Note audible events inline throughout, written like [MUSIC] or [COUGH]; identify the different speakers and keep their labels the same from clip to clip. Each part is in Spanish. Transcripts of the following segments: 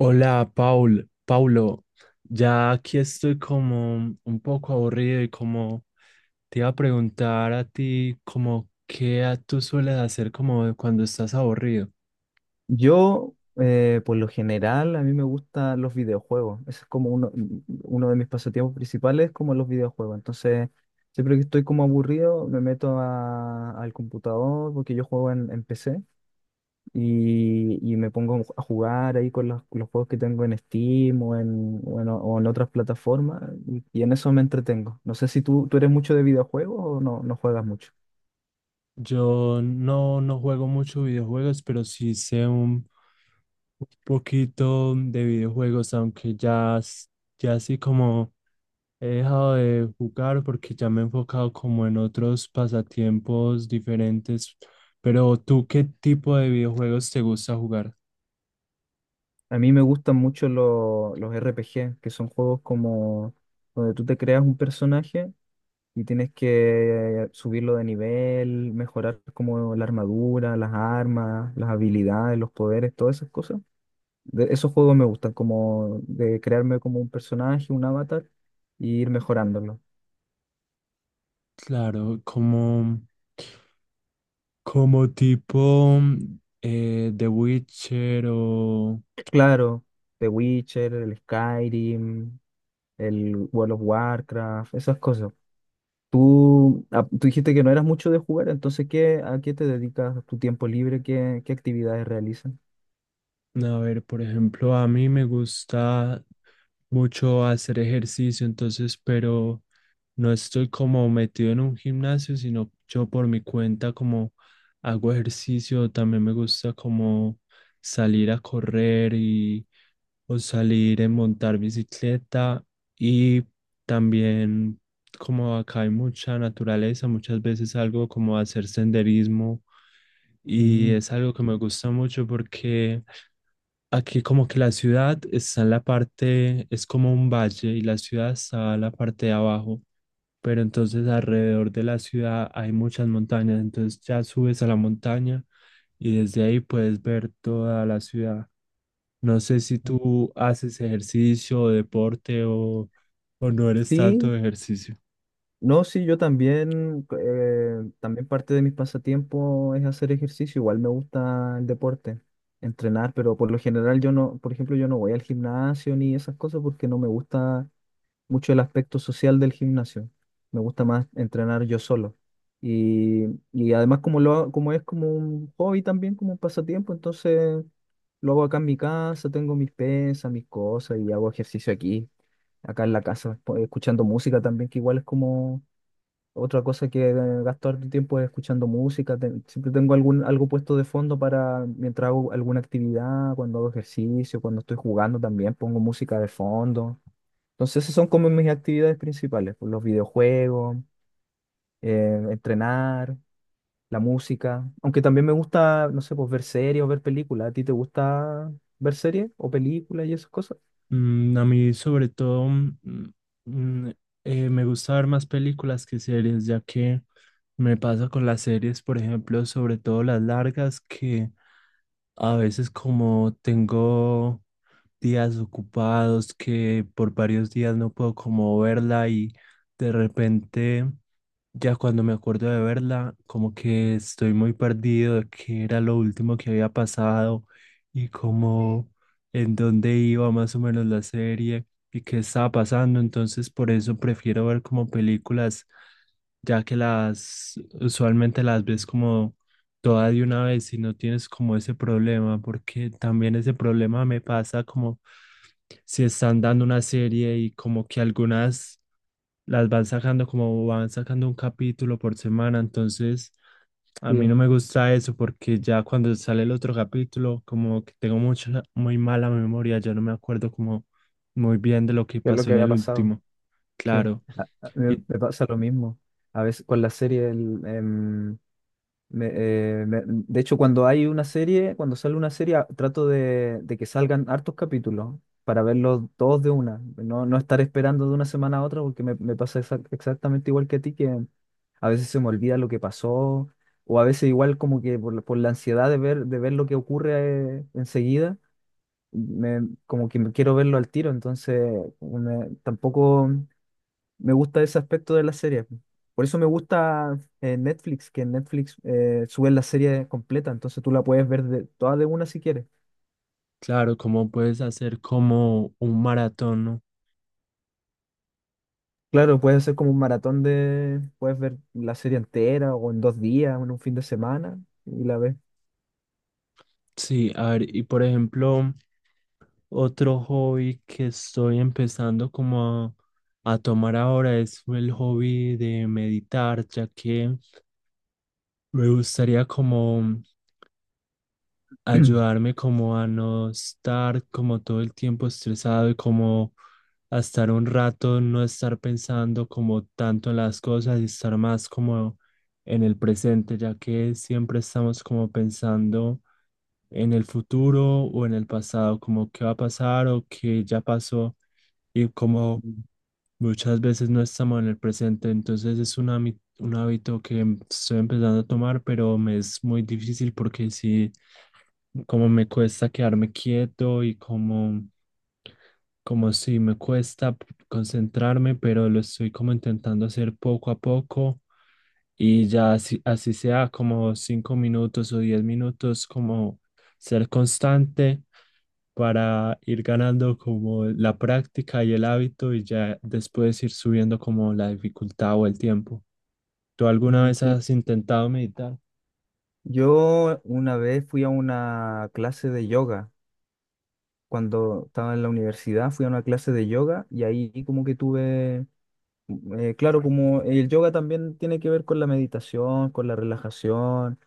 Speaker 1: Hola, Paul, Paulo, ya aquí estoy como un poco aburrido y como te iba a preguntar a ti como qué tú sueles hacer como cuando estás aburrido.
Speaker 2: Yo, por lo general, a mí me gustan los videojuegos. Ese es como uno de mis pasatiempos principales, como los videojuegos. Entonces, siempre que estoy como aburrido, al computador, porque yo juego en PC, y me pongo a jugar ahí con los juegos que tengo en Steam o en otras plataformas, y en eso me entretengo. No sé si tú eres mucho de videojuegos o no juegas mucho.
Speaker 1: Yo no, no juego mucho videojuegos, pero sí sé un poquito de videojuegos, aunque ya, ya así como he dejado de jugar porque ya me he enfocado como en otros pasatiempos diferentes. Pero ¿tú qué tipo de videojuegos te gusta jugar?
Speaker 2: A mí me gustan mucho los RPG, que son juegos como donde tú te creas un personaje y tienes que subirlo de nivel, mejorar como la armadura, las armas, las habilidades, los poderes, todas esas cosas. Esos juegos me gustan, como de crearme como un personaje, un avatar, y ir mejorándolo.
Speaker 1: Claro, como, como tipo The Witcher o...
Speaker 2: Claro, The Witcher, el Skyrim, el World of Warcraft, esas cosas. Tú dijiste que no eras mucho de jugar, entonces a qué te dedicas tu tiempo libre? Qué actividades realizas?
Speaker 1: A ver, por ejemplo, a mí me gusta mucho hacer ejercicio, entonces, pero no estoy como metido en un gimnasio, sino yo por mi cuenta como hago ejercicio, también me gusta como salir a correr y o salir en montar bicicleta y también como acá hay mucha naturaleza, muchas veces algo como a hacer senderismo y
Speaker 2: Mm.
Speaker 1: es algo que me gusta mucho porque aquí como que la ciudad está en la parte, es como un valle y la ciudad está en la parte de abajo, pero entonces alrededor de la ciudad hay muchas montañas, entonces ya subes a la montaña y desde ahí puedes ver toda la ciudad. No sé si tú haces ejercicio o deporte o no eres tanto
Speaker 2: Sí,
Speaker 1: de ejercicio.
Speaker 2: no, sí, yo también, también parte de mis pasatiempos es hacer ejercicio, igual me gusta el deporte, entrenar, pero por lo general yo no, por ejemplo, yo no voy al gimnasio ni esas cosas porque no me gusta mucho el aspecto social del gimnasio. Me gusta más entrenar yo solo. Y, y además como es como un hobby también, como un pasatiempo, entonces lo hago acá en mi casa, tengo mis pesas, mis cosas y hago ejercicio aquí, acá en la casa, escuchando música también, que igual es como otra cosa que gasto harto tiempo es escuchando música. Siempre tengo algo puesto de fondo para mientras hago alguna actividad, cuando hago ejercicio, cuando estoy jugando también pongo música de fondo. Entonces, esas son como mis actividades principales, pues, los videojuegos, entrenar, la música. Aunque también me gusta, no sé, pues ver series o ver películas. ¿A ti te gusta ver series o películas y esas cosas?
Speaker 1: A mí sobre todo mm, me gusta ver más películas que series, ya que me pasa con las series, por ejemplo, sobre todo las largas, que a veces como tengo días ocupados, que por varios días no puedo como verla y de repente ya cuando me acuerdo de verla, como que estoy muy perdido de qué era lo último que había pasado y como en dónde iba más o menos la serie y qué estaba pasando. Entonces por eso prefiero ver como películas, ya que las usualmente las ves como toda de una vez y no tienes como ese problema, porque también ese problema me pasa como si están dando una serie y como que algunas las van sacando como van sacando un capítulo por semana, entonces a mí
Speaker 2: Sí,
Speaker 1: no me gusta eso porque ya cuando sale el otro capítulo como que tengo mucha, muy mala memoria, ya no me acuerdo como muy bien de lo que
Speaker 2: que es lo
Speaker 1: pasó
Speaker 2: que
Speaker 1: en
Speaker 2: había
Speaker 1: el
Speaker 2: pasado.
Speaker 1: último,
Speaker 2: Sí,
Speaker 1: claro. Y
Speaker 2: Me pasa lo mismo. A veces con la serie. De hecho, cuando hay una serie, cuando sale una serie, trato de que salgan hartos capítulos para verlos todos de una. No, no estar esperando de una semana a otra porque me pasa exactamente igual que a ti, que a veces se me olvida lo que pasó o a veces igual como que por la ansiedad de ver lo que ocurre enseguida, me, como que me quiero verlo al tiro, entonces tampoco... Me gusta ese aspecto de la serie. Por eso me gusta Netflix, que en Netflix suben la serie completa, entonces tú la puedes ver toda de una si quieres.
Speaker 1: claro, ¿cómo puedes hacer como un maratón? ¿No?
Speaker 2: Claro, puedes hacer como un maratón de, puedes ver la serie entera o en dos días o en un fin de semana y la ves.
Speaker 1: Sí, a ver, y por ejemplo... Otro hobby que estoy empezando como a tomar ahora es el hobby de meditar, ya que me gustaría como ayudarme como a no estar como todo el tiempo estresado y como a estar un rato, no estar pensando como tanto en las cosas y estar más como en el presente, ya que siempre estamos como pensando en el futuro o en el pasado, como qué va a pasar o qué ya pasó y como
Speaker 2: [CLEARS THROAT]
Speaker 1: muchas veces no estamos en el presente. Entonces es un, un hábito que estoy empezando a tomar, pero me es muy difícil porque sí, como me cuesta quedarme quieto y como... Como si me cuesta concentrarme, pero lo estoy como intentando hacer poco a poco y ya así, así sea como 5 minutos o 10 minutos, como ser constante para ir ganando como la práctica y el hábito y ya después ir subiendo como la dificultad o el tiempo. ¿Tú alguna
Speaker 2: Mm,
Speaker 1: vez
Speaker 2: sí.
Speaker 1: has intentado meditar?
Speaker 2: Yo una vez fui a una clase de yoga. Cuando estaba en la universidad fui a una clase de yoga y ahí como que tuve. Claro, como el yoga también tiene que ver con la meditación, con la relajación,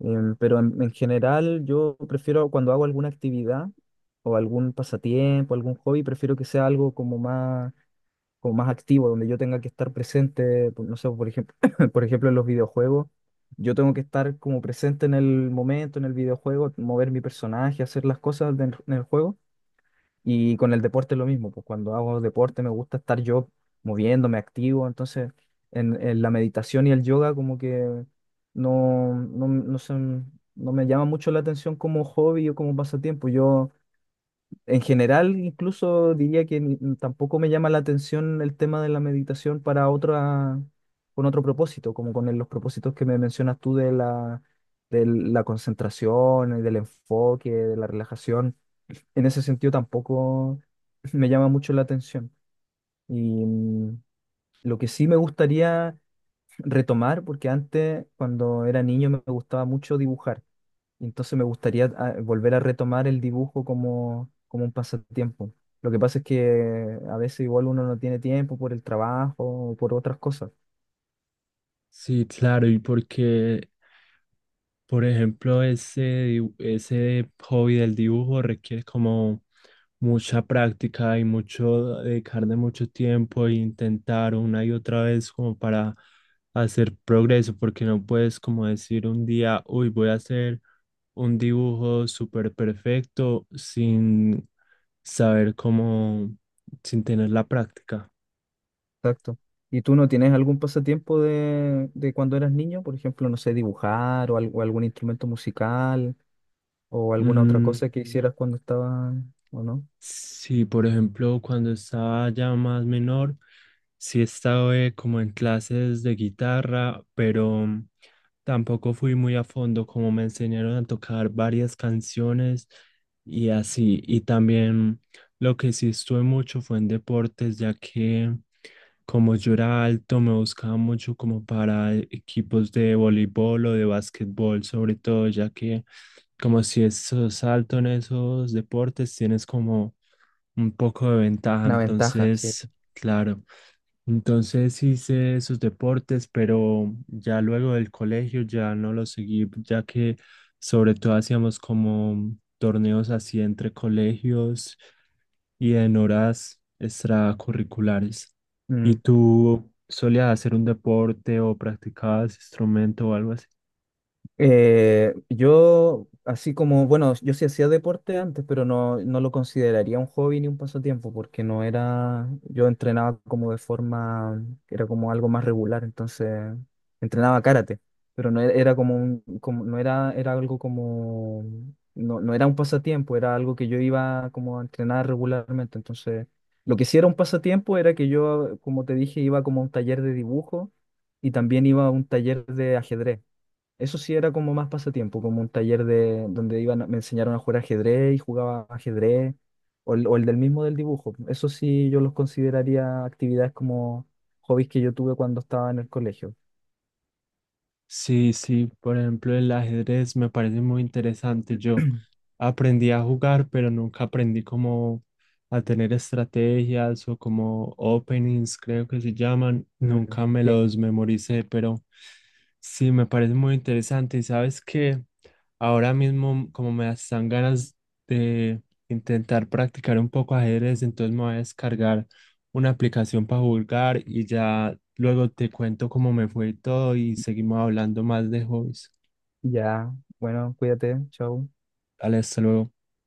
Speaker 2: pero en general yo prefiero cuando hago alguna actividad o algún pasatiempo, algún hobby, prefiero que sea algo como como más activo, donde yo tenga que estar presente, no sé, por ejemplo, [LAUGHS] [CLEARS THROAT] por ejemplo en los videojuegos, yo tengo que estar como presente en el momento, en el videojuego, mover mi personaje, hacer las cosas en el juego. Y con el deporte es lo mismo, pues cuando hago deporte me gusta estar yo moviéndome, activo, entonces en la meditación y el yoga como que no, no, no se- no me llama mucho la atención como hobby o como pasatiempo. Yo en general, incluso diría que tampoco me llama la atención el tema de la meditación para otra, con otro propósito, como con los propósitos que me mencionas tú de de la concentración, y del enfoque, de la relajación. En ese sentido tampoco me llama mucho la atención. Y lo que sí me gustaría retomar, porque antes, cuando era niño, me gustaba mucho dibujar y entonces me gustaría volver a retomar el dibujo como, como un pasatiempo. Lo que pasa es que a veces igual uno no tiene tiempo por el trabajo o por otras cosas.
Speaker 1: Sí, claro, y porque por ejemplo, ese, ese hobby del dibujo requiere como mucha práctica y mucho dedicarle mucho tiempo e intentar una y otra vez como para hacer progreso, porque no puedes como decir un día, uy, voy a hacer un dibujo súper perfecto sin saber cómo, sin tener la práctica.
Speaker 2: Exacto. ¿Y tú no tienes algún pasatiempo de cuando eras niño? Por ejemplo, no sé, dibujar o algún instrumento musical o alguna otra
Speaker 1: Mm.
Speaker 2: cosa que hicieras cuando estabas, ¿o no?
Speaker 1: Sí, por ejemplo, cuando estaba ya más menor, sí estaba como en clases de guitarra, pero tampoco fui muy a fondo, como me enseñaron a tocar varias canciones y así. Y también lo que sí estuve mucho fue en deportes, ya que como yo era alto, me buscaba mucho como para equipos de voleibol o de básquetbol, sobre todo, ya que como si sos alto en esos deportes, tienes como un poco de ventaja.
Speaker 2: Una ventaja, sí.
Speaker 1: Entonces, claro. Entonces hice esos deportes, pero ya luego del colegio ya no los seguí, ya que sobre todo hacíamos como torneos así entre colegios y en horas extracurriculares. ¿Y
Speaker 2: Mm.
Speaker 1: tú solías hacer un deporte o practicabas instrumento o algo así?
Speaker 2: Bueno, yo sí hacía deporte antes, pero no lo consideraría un hobby ni un pasatiempo, porque no era, yo entrenaba como de forma, era como algo más regular, entonces entrenaba karate, pero no era, era como como, no era, era algo como, no era un pasatiempo, era algo que yo iba como a entrenar regularmente, entonces lo que sí era un pasatiempo era que yo, como te dije, iba como a un taller de dibujo y también iba a un taller de ajedrez. Eso sí era como más pasatiempo, como un taller de donde iban, me enseñaron a jugar ajedrez y jugaba ajedrez, o el del mismo del dibujo. Eso sí yo los consideraría actividades como hobbies que yo tuve cuando estaba en el colegio.
Speaker 1: Sí, sí, por ejemplo, el ajedrez me parece muy interesante. Yo
Speaker 2: [CLEARS THROAT]
Speaker 1: aprendí a jugar, pero nunca aprendí cómo a tener estrategias o como openings, creo que se llaman. Nunca
Speaker 2: Mm,
Speaker 1: me
Speaker 2: sí.
Speaker 1: los memoricé, pero sí, me parece muy interesante. Y sabes que ahora mismo, como me dan ganas de intentar practicar un poco ajedrez, entonces me voy a descargar una aplicación para jugar y ya luego te cuento cómo me fue y todo y seguimos hablando más de hobbies.
Speaker 2: Ya, bueno, cuídate, chao.
Speaker 1: Dale, hasta luego.